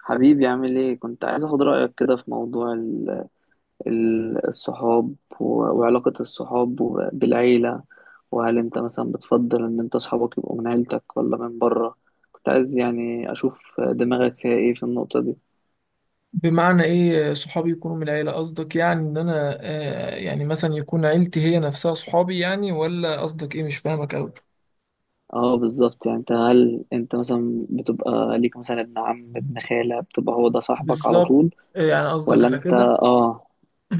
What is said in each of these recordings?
حبيبي عامل ايه؟ كنت عايز اخد رأيك كده في موضوع الصحاب و- وعلاقة الصحاب بالعيلة، وهل انت مثلا بتفضل ان انت صحابك يبقوا من عيلتك ولا من بره؟ كنت عايز يعني اشوف دماغك فيها ايه في النقطة دي. بمعنى ايه صحابي يكونوا من العيلة؟ قصدك يعني ان انا يعني مثلا يكون عيلتي هي نفسها صحابي، يعني ولا قصدك ايه؟ مش فاهمك اوي. اه بالظبط، يعني انت هل انت مثلا بتبقى ليك مثلا ابن عم، ابن خالة، بتبقى هو ده صاحبك على بالظبط. طول يعني قصدك ولا؟ على انت كده. اه.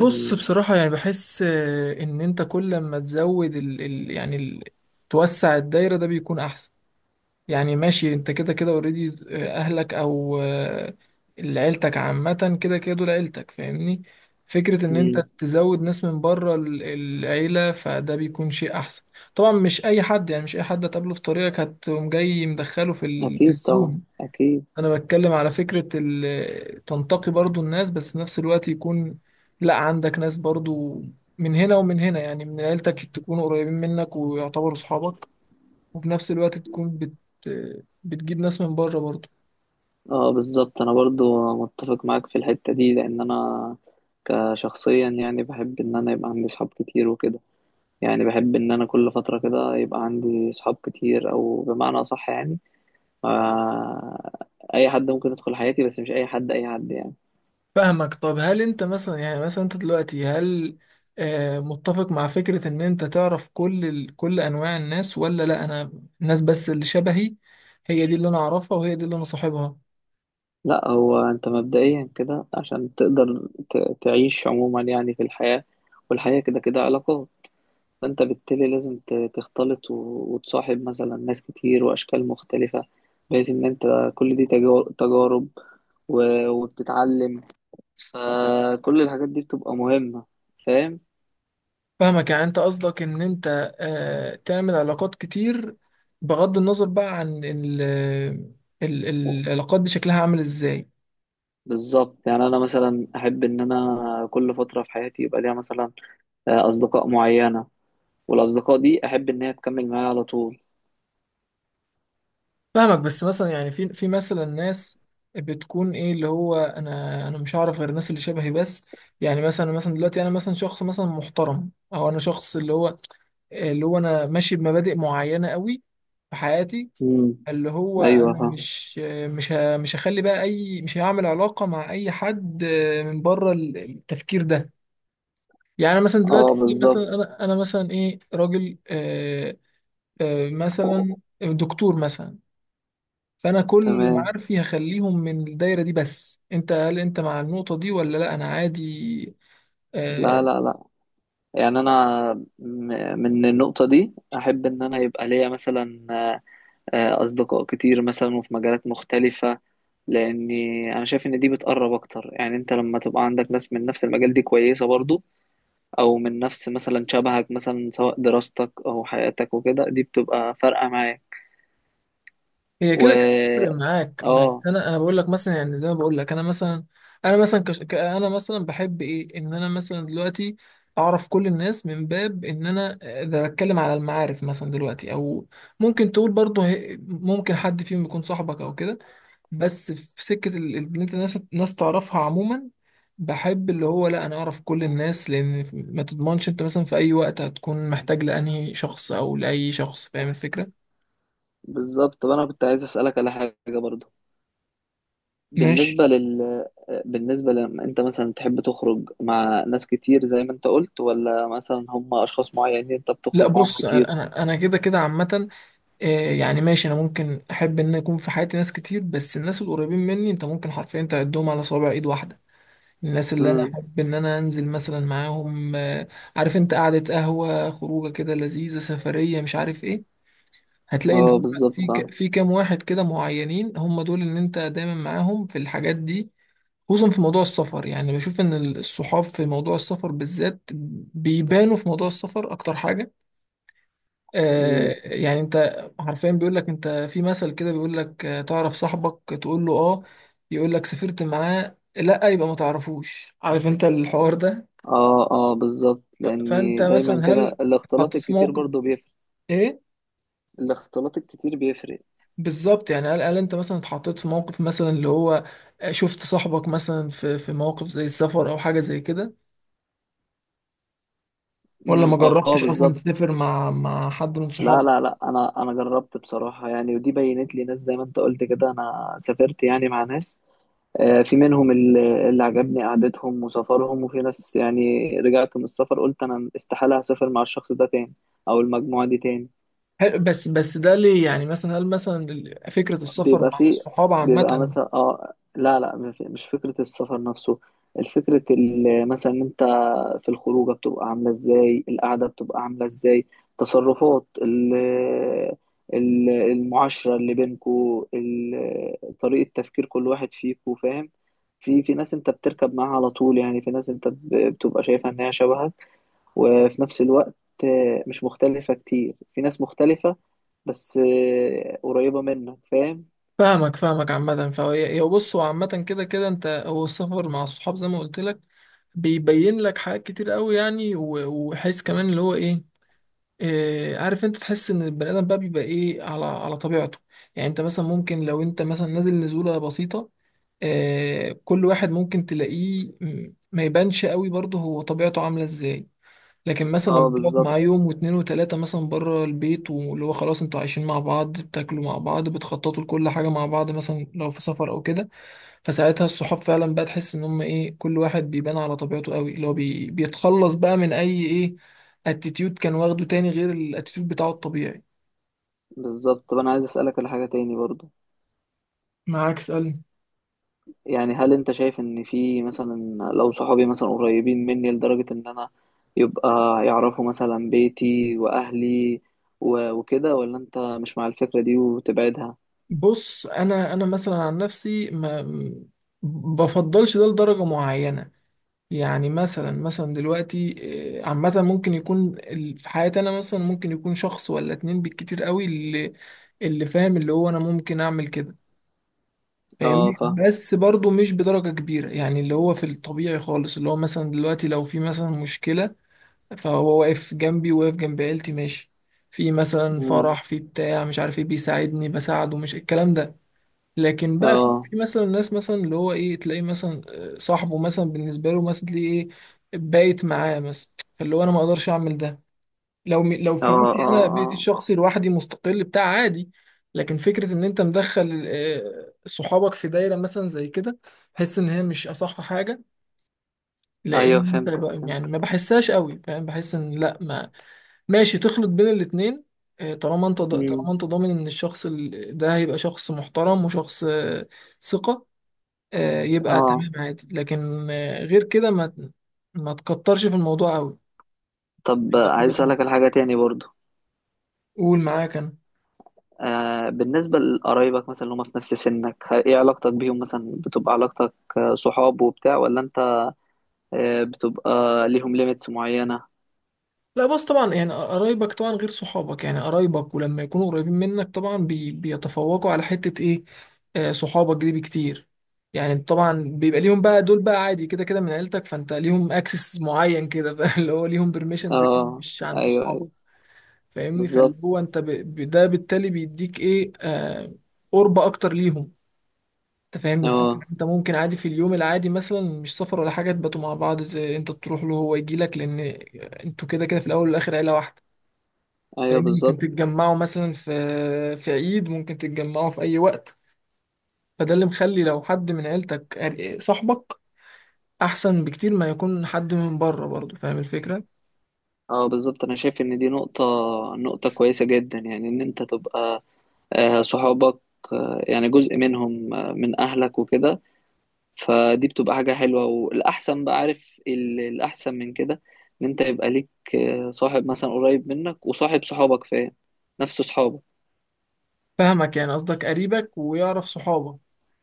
بص مم. بصراحة يعني بحس ان انت كل ما تزود ال يعني توسع الدايرة ده بيكون احسن. يعني ماشي انت كده كده اوريدي، اهلك او عيلتك عامة كده كده، دول عيلتك فاهمني. فكرة ان انت مم. تزود ناس من بره العيلة فده بيكون شيء احسن. طبعا مش اي حد، يعني مش اي حد هتقابله في طريقك هتقوم جاي مدخله في اكيد طبعا، الزوم. اكيد. انا بتكلم على فكرة تنتقي برضو الناس، بس في نفس الوقت يكون، لا، عندك ناس برضو من هنا ومن هنا، يعني من عيلتك تكونوا قريبين منك ويعتبروا صحابك، وفي نفس الوقت بتجيب ناس من بره برضه. اه بالظبط، انا برضو متفق معاك في الحتة دي، لان انا كشخصيا يعني بحب ان انا يبقى عندي صحاب كتير وكده. يعني بحب ان انا كل فترة كده يبقى عندي صحاب كتير، او بمعنى اصح يعني آه، اي حد ممكن يدخل حياتي، بس مش اي حد اي حد يعني. فاهمك. طب هل انت مثلا، يعني مثلا انت دلوقتي، هل متفق مع فكرة ان انت تعرف كل انواع الناس، ولا لا، انا الناس بس اللي شبهي هي دي اللي انا اعرفها وهي دي اللي انا صاحبها؟ لا، هو انت مبدئيا كده عشان تقدر تعيش عموما يعني في الحياة، والحياة كده كده علاقات، فانت بالتالي لازم تختلط وتصاحب مثلا ناس كتير واشكال مختلفة، بحيث ان انت كل دي تجارب وبتتعلم، فكل الحاجات دي بتبقى مهمة. فاهم؟ فاهمك، يعني انت قصدك ان انت تعمل علاقات كتير بغض النظر بقى عن العلاقات دي شكلها عامل ازاي. بالظبط، يعني انا مثلا احب ان انا كل فترة في حياتي يبقى ليها مثلا اصدقاء معينة، والاصدقاء دي احب ان هي تكمل معايا على طول. فاهمك، بس مثلا يعني في مثلا ناس بتكون ايه، اللي هو انا مش هعرف غير الناس اللي شبهي بس. يعني مثلا دلوقتي انا مثلا شخص، مثلا محترم، او انا شخص اللي هو اللي هو انا ماشي بمبادئ معينة قوي في حياتي، امم اللي هو ايوه انا فاهم. مش مش ه- مش هخلي بقى اي، مش هعمل علاقه مع اي حد من بره التفكير ده. يعني أنا مثلا دلوقتي اه سي، بالظبط. مثلا انا مثلا ايه راجل، مثلا دكتور مثلا، فانا كل تمام. معارفي هخليهم من الدايره دي. بس انت هل انت مع النقطه دي، ولا لا انا عادي؟ لا آه، لا لا، يعني انا من النقطه دي احب ان انا يبقى ليا مثلا اصدقاء كتير مثلا وفي مجالات مختلفه، لاني انا شايف ان دي بتقرب اكتر. يعني انت لما تبقى عندك ناس من نفس المجال دي كويسه برضو، او من نفس مثلا شبهك، مثلا سواء دراستك او حياتك وكده، دي بتبقى فارقه معاك. هي كده كده بتفرق و معاك، بس اه انا بقول لك مثلا، يعني زي ما بقول لك، انا مثلا، انا مثلا بحب ايه ان انا مثلا دلوقتي اعرف كل الناس، من باب ان انا اذا بتكلم على المعارف مثلا دلوقتي، او ممكن تقول برضه، ممكن حد فيهم يكون صاحبك او كده، بس في سكة ان انت ناس ناس تعرفها عموما. بحب اللي هو لا، انا اعرف كل الناس، لان ما تضمنش انت مثلا في اي وقت هتكون محتاج لانهي شخص او لاي شخص، فاهم الفكرة؟ بالظبط. طب انا كنت عايز اسالك على حاجه برضو، ماشي. بالنسبة لل، بالنسبة لما انت مثلا تحب تخرج مع ناس كتير زي ما انت قلت، ولا مثلا هم اشخاص معينين انت لا بتخرج معاهم بص، كتير؟ انا انا أنا كده كده عامه. يعني ماشي، انا ممكن احب ان يكون في حياتي ناس كتير، بس الناس القريبين مني انت ممكن حرفيا تعدهم على صوابع ايد واحده. الناس اللي انا امم احب ان انا انزل مثلا معاهم، عارف انت، قعده قهوه، خروجه كده لذيذه، سفريه، مش عارف ايه، هتلاقي اللي اه هو بالظبط، فاهم. في كام واحد كده معينين، هم دول ان انت دايما معاهم في الحاجات دي. خصوصا في موضوع السفر، يعني بشوف ان الصحاب في موضوع السفر بالذات بيبانوا في موضوع السفر اكتر حاجه. امم يعني انت حرفيا بيقول لك انت في مثل كده، بيقول لك تعرف صاحبك؟ تقول له اه، يقول لك سافرت معاه؟ لا، يبقى ما تعرفوش، عارف انت الحوار ده. اه اه بالظبط، فانت لاني دايما مثلا كده هل اتحطيت الاختلاط في الكتير موقف، برضو بيفرق. ايه، الاختلاط الكتير بيفرق. بالظبط، يعني هل انت مثلا اتحطيت في موقف، مثلا اللي هو شفت صاحبك مثلا في مواقف زي السفر او حاجه زي كده، ولا ما اه جربتش اصلا بالظبط. تسافر مع حد من صحابك؟ لا لا لا، انا جربت بصراحة يعني، ودي بينت لي ناس زي ما انت قلت كده. انا سافرت يعني مع ناس، في منهم اللي عجبني قعدتهم وسفرهم، وفي ناس يعني رجعت من السفر قلت انا استحالة هسافر مع الشخص ده تاني، او المجموعة دي تاني. حلو، بس ده ليه يعني، مثلا هل مثلا فكرة السفر بيبقى مع فيه، الصحاب بيبقى عامة؟ مثلا اه لا لا مش فكرة السفر نفسه، الفكرة مثلا انت في الخروجة بتبقى عاملة ازاي، القعدة بتبقى عاملة ازاي، تصرفات المعاشرة اللي بينكو، طريقة تفكير كل واحد فيكو، فاهم؟ في ناس انت بتركب معاها على طول، يعني في ناس انت بتبقى شايفها ان هي شبهك، وفي نفس الوقت مش مختلفة كتير، في ناس مختلفة بس قريبة منك، فاهم؟ فاهمك عامة، هو بص، هو عامة كده كده، انت هو السفر مع الصحاب زي ما قلت لك بيبين لك حاجات كتير قوي، يعني وحس كمان اللي هو ايه، اه، عارف انت تحس ان البني ادم بقى بيبقى ايه على طبيعته. يعني انت مثلا ممكن لو انت مثلا نازل نزولة بسيطة، كل واحد ممكن تلاقيه، ما يبانش قوي برضه هو طبيعته عاملة ازاي، لكن مثلا لما اه بتقعد معاه بالظبط. يوم واتنين وتلاتة مثلا بره البيت، واللي هو خلاص انتوا عايشين مع بعض، بتاكلوا مع بعض، بتخططوا لكل حاجة مع بعض، مثلا لو في سفر او كده، فساعتها الصحاب فعلا بقى تحس ان هم ايه، كل واحد بيبان على طبيعته قوي، اللي هو بيتخلص بقى من اي ايه، اتيتيود كان واخده تاني غير الاتيتيود بتاعه الطبيعي. بالظبط، طب انا عايز اسالك على حاجه تاني برضو، معاك، اسألني. يعني هل انت شايف ان في مثلا، لو صحابي مثلا قريبين مني لدرجه ان انا يبقى يعرفوا مثلا بيتي واهلي وكده، ولا انت مش مع الفكره دي وتبعدها؟ بص انا مثلا عن نفسي ما بفضلش ده لدرجة معينة، يعني مثلا دلوقتي عامة ممكن يكون في حياتي، أنا مثلا ممكن يكون شخص ولا اتنين بالكتير قوي اللي فاهم، اللي هو أنا ممكن أعمل كده اه فاهمني، فاهم. بس برضو مش بدرجة كبيرة يعني، اللي هو في الطبيعي خالص، اللي هو مثلا دلوقتي لو في مثلا مشكلة فهو واقف جنبي، واقف جنب عيلتي ماشي، في مثلا مم. فرح، في بتاع مش عارف ايه، بيساعدني، بساعده، مش الكلام ده. لكن بقى في اه في مثلا ناس، مثلا اللي هو ايه، تلاقيه مثلا صاحبه مثلا، بالنسبه له مثلا تلاقيه ايه بايت معاه مثلا، فاللي هو انا ما اقدرش اعمل ده. لو اه في بيتي، اه. انا اه بيتي الشخصي لوحدي مستقل بتاع، عادي، لكن فكره ان انت مدخل صحابك في دايره مثلا زي كده بحس ان هي مش اصح حاجه، ايوه لان انت فهمتك، بقى يعني فهمتك. ما بحسهاش قوي فاهم، بحس ان لا. ما ماشي تخلط بين الاتنين. طالما مم. انت ضامن ان الشخص ده هيبقى شخص محترم وشخص ثقة، يبقى اه. تمام عادي، لكن غير كده ما تكترش في الموضوع قوي. طب ده عايز وجهة اسالك على نظري. حاجه تاني برضو، قول، معاك انا. آه بالنسبة لقرايبك مثلا اللي هم في نفس سنك، ايه علاقتك بيهم؟ مثلا بتبقى علاقتك آه، صحاب وبتاع، ولا انت آه بتبقى ليهم ليميتس معينة؟ لا، بس طبعا يعني قرايبك طبعا غير صحابك، يعني قرايبك ولما يكونوا قريبين منك طبعا بيتفوقوا على حتة ايه، صحابك دي بكتير. يعني طبعا بيبقى ليهم بقى، دول بقى عادي كده كده من عيلتك، فانت ليهم اكسس معين كده بقى اللي هو ليهم بيرميشنز كده اه مش عند ايوه صحابك ايوه فاهمني. فاللي بالظبط. هو انت ده بالتالي بيديك ايه، قرب اكتر ليهم. انت فاهم الفكره، اه انت ممكن عادي في اليوم العادي مثلا مش سفر ولا حاجه تباتوا مع بعض، انت تروح له هو يجي لك، لان انتوا كده كده في الاول والاخر عيله واحده ايوه فاهم. ممكن بالظبط. تتجمعوا مثلا في عيد، ممكن تتجمعوا في اي وقت، فده اللي مخلي لو حد من عيلتك صاحبك احسن بكتير ما يكون حد من بره برضه، فاهم الفكره. اه بالظبط، انا شايف ان دي نقطة، نقطة كويسة جدا، يعني ان انت تبقى آه صحابك آه يعني جزء منهم آه من اهلك وكده، فدي بتبقى حاجة حلوة. والأحسن بقى، عارف الأحسن من كده، إن أنت يبقى ليك آه، صاحب مثلا قريب منك وصاحب صحابك، فاهم؟ نفس صحابك. فاهمك، يعني قصدك قريبك ويعرف صحابك.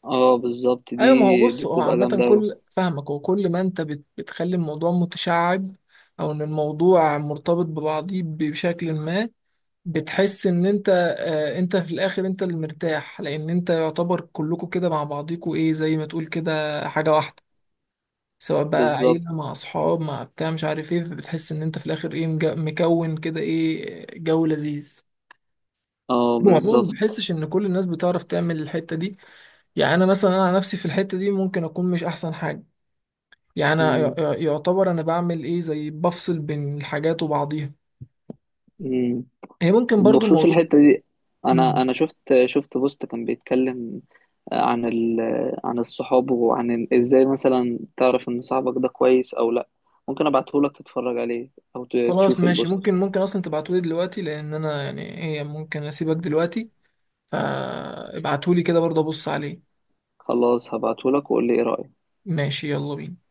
اه بالظبط دي، ايوه، ما هو بص، دي هو بتبقى عامة جامدة أوي. كل فاهمك، وكل ما انت بتخلي الموضوع متشعب، او ان الموضوع مرتبط ببعضيه بشكل ما، بتحس ان انت، انت في الاخر، انت اللي مرتاح، لان انت يعتبر كلكم كده مع بعضيكوا ايه، زي ما تقول كده حاجة واحدة، سواء بقى بالظبط. عيلة مع اصحاب مع بتاع مش عارف ايه، فبتحس ان انت في الاخر ايه مكون كده ايه جو لذيذ. اه وعموما ما بالظبط. بحسش ان كل الناس بتعرف تعمل الحتة دي، يعني انا مثلا انا على نفسي في الحتة دي ممكن اكون مش احسن حاجة، يعني أنا مم. يعتبر أنا بعمل إيه، زي بفصل بين الحاجات وبعضيها. مم. هي ممكن برضو بخصوص الموضوع. الحتة دي، أنا مم. أنا شفت بوست كان بيتكلم عن ال، عن الصحاب وعن إزاي مثلا تعرف إن صاحبك ده كويس أو لأ. ممكن أبعتهولك تتفرج عليه، أو خلاص تشوف ماشي، البوست. ممكن أصلا تبعتولي دلوقتي، لأن أنا يعني هي ممكن أسيبك دلوقتي، فابعتولي كده برضه أبص عليه. خلاص، هبعتهولك وقول لي ايه رأيك. ماشي، يلا بينا.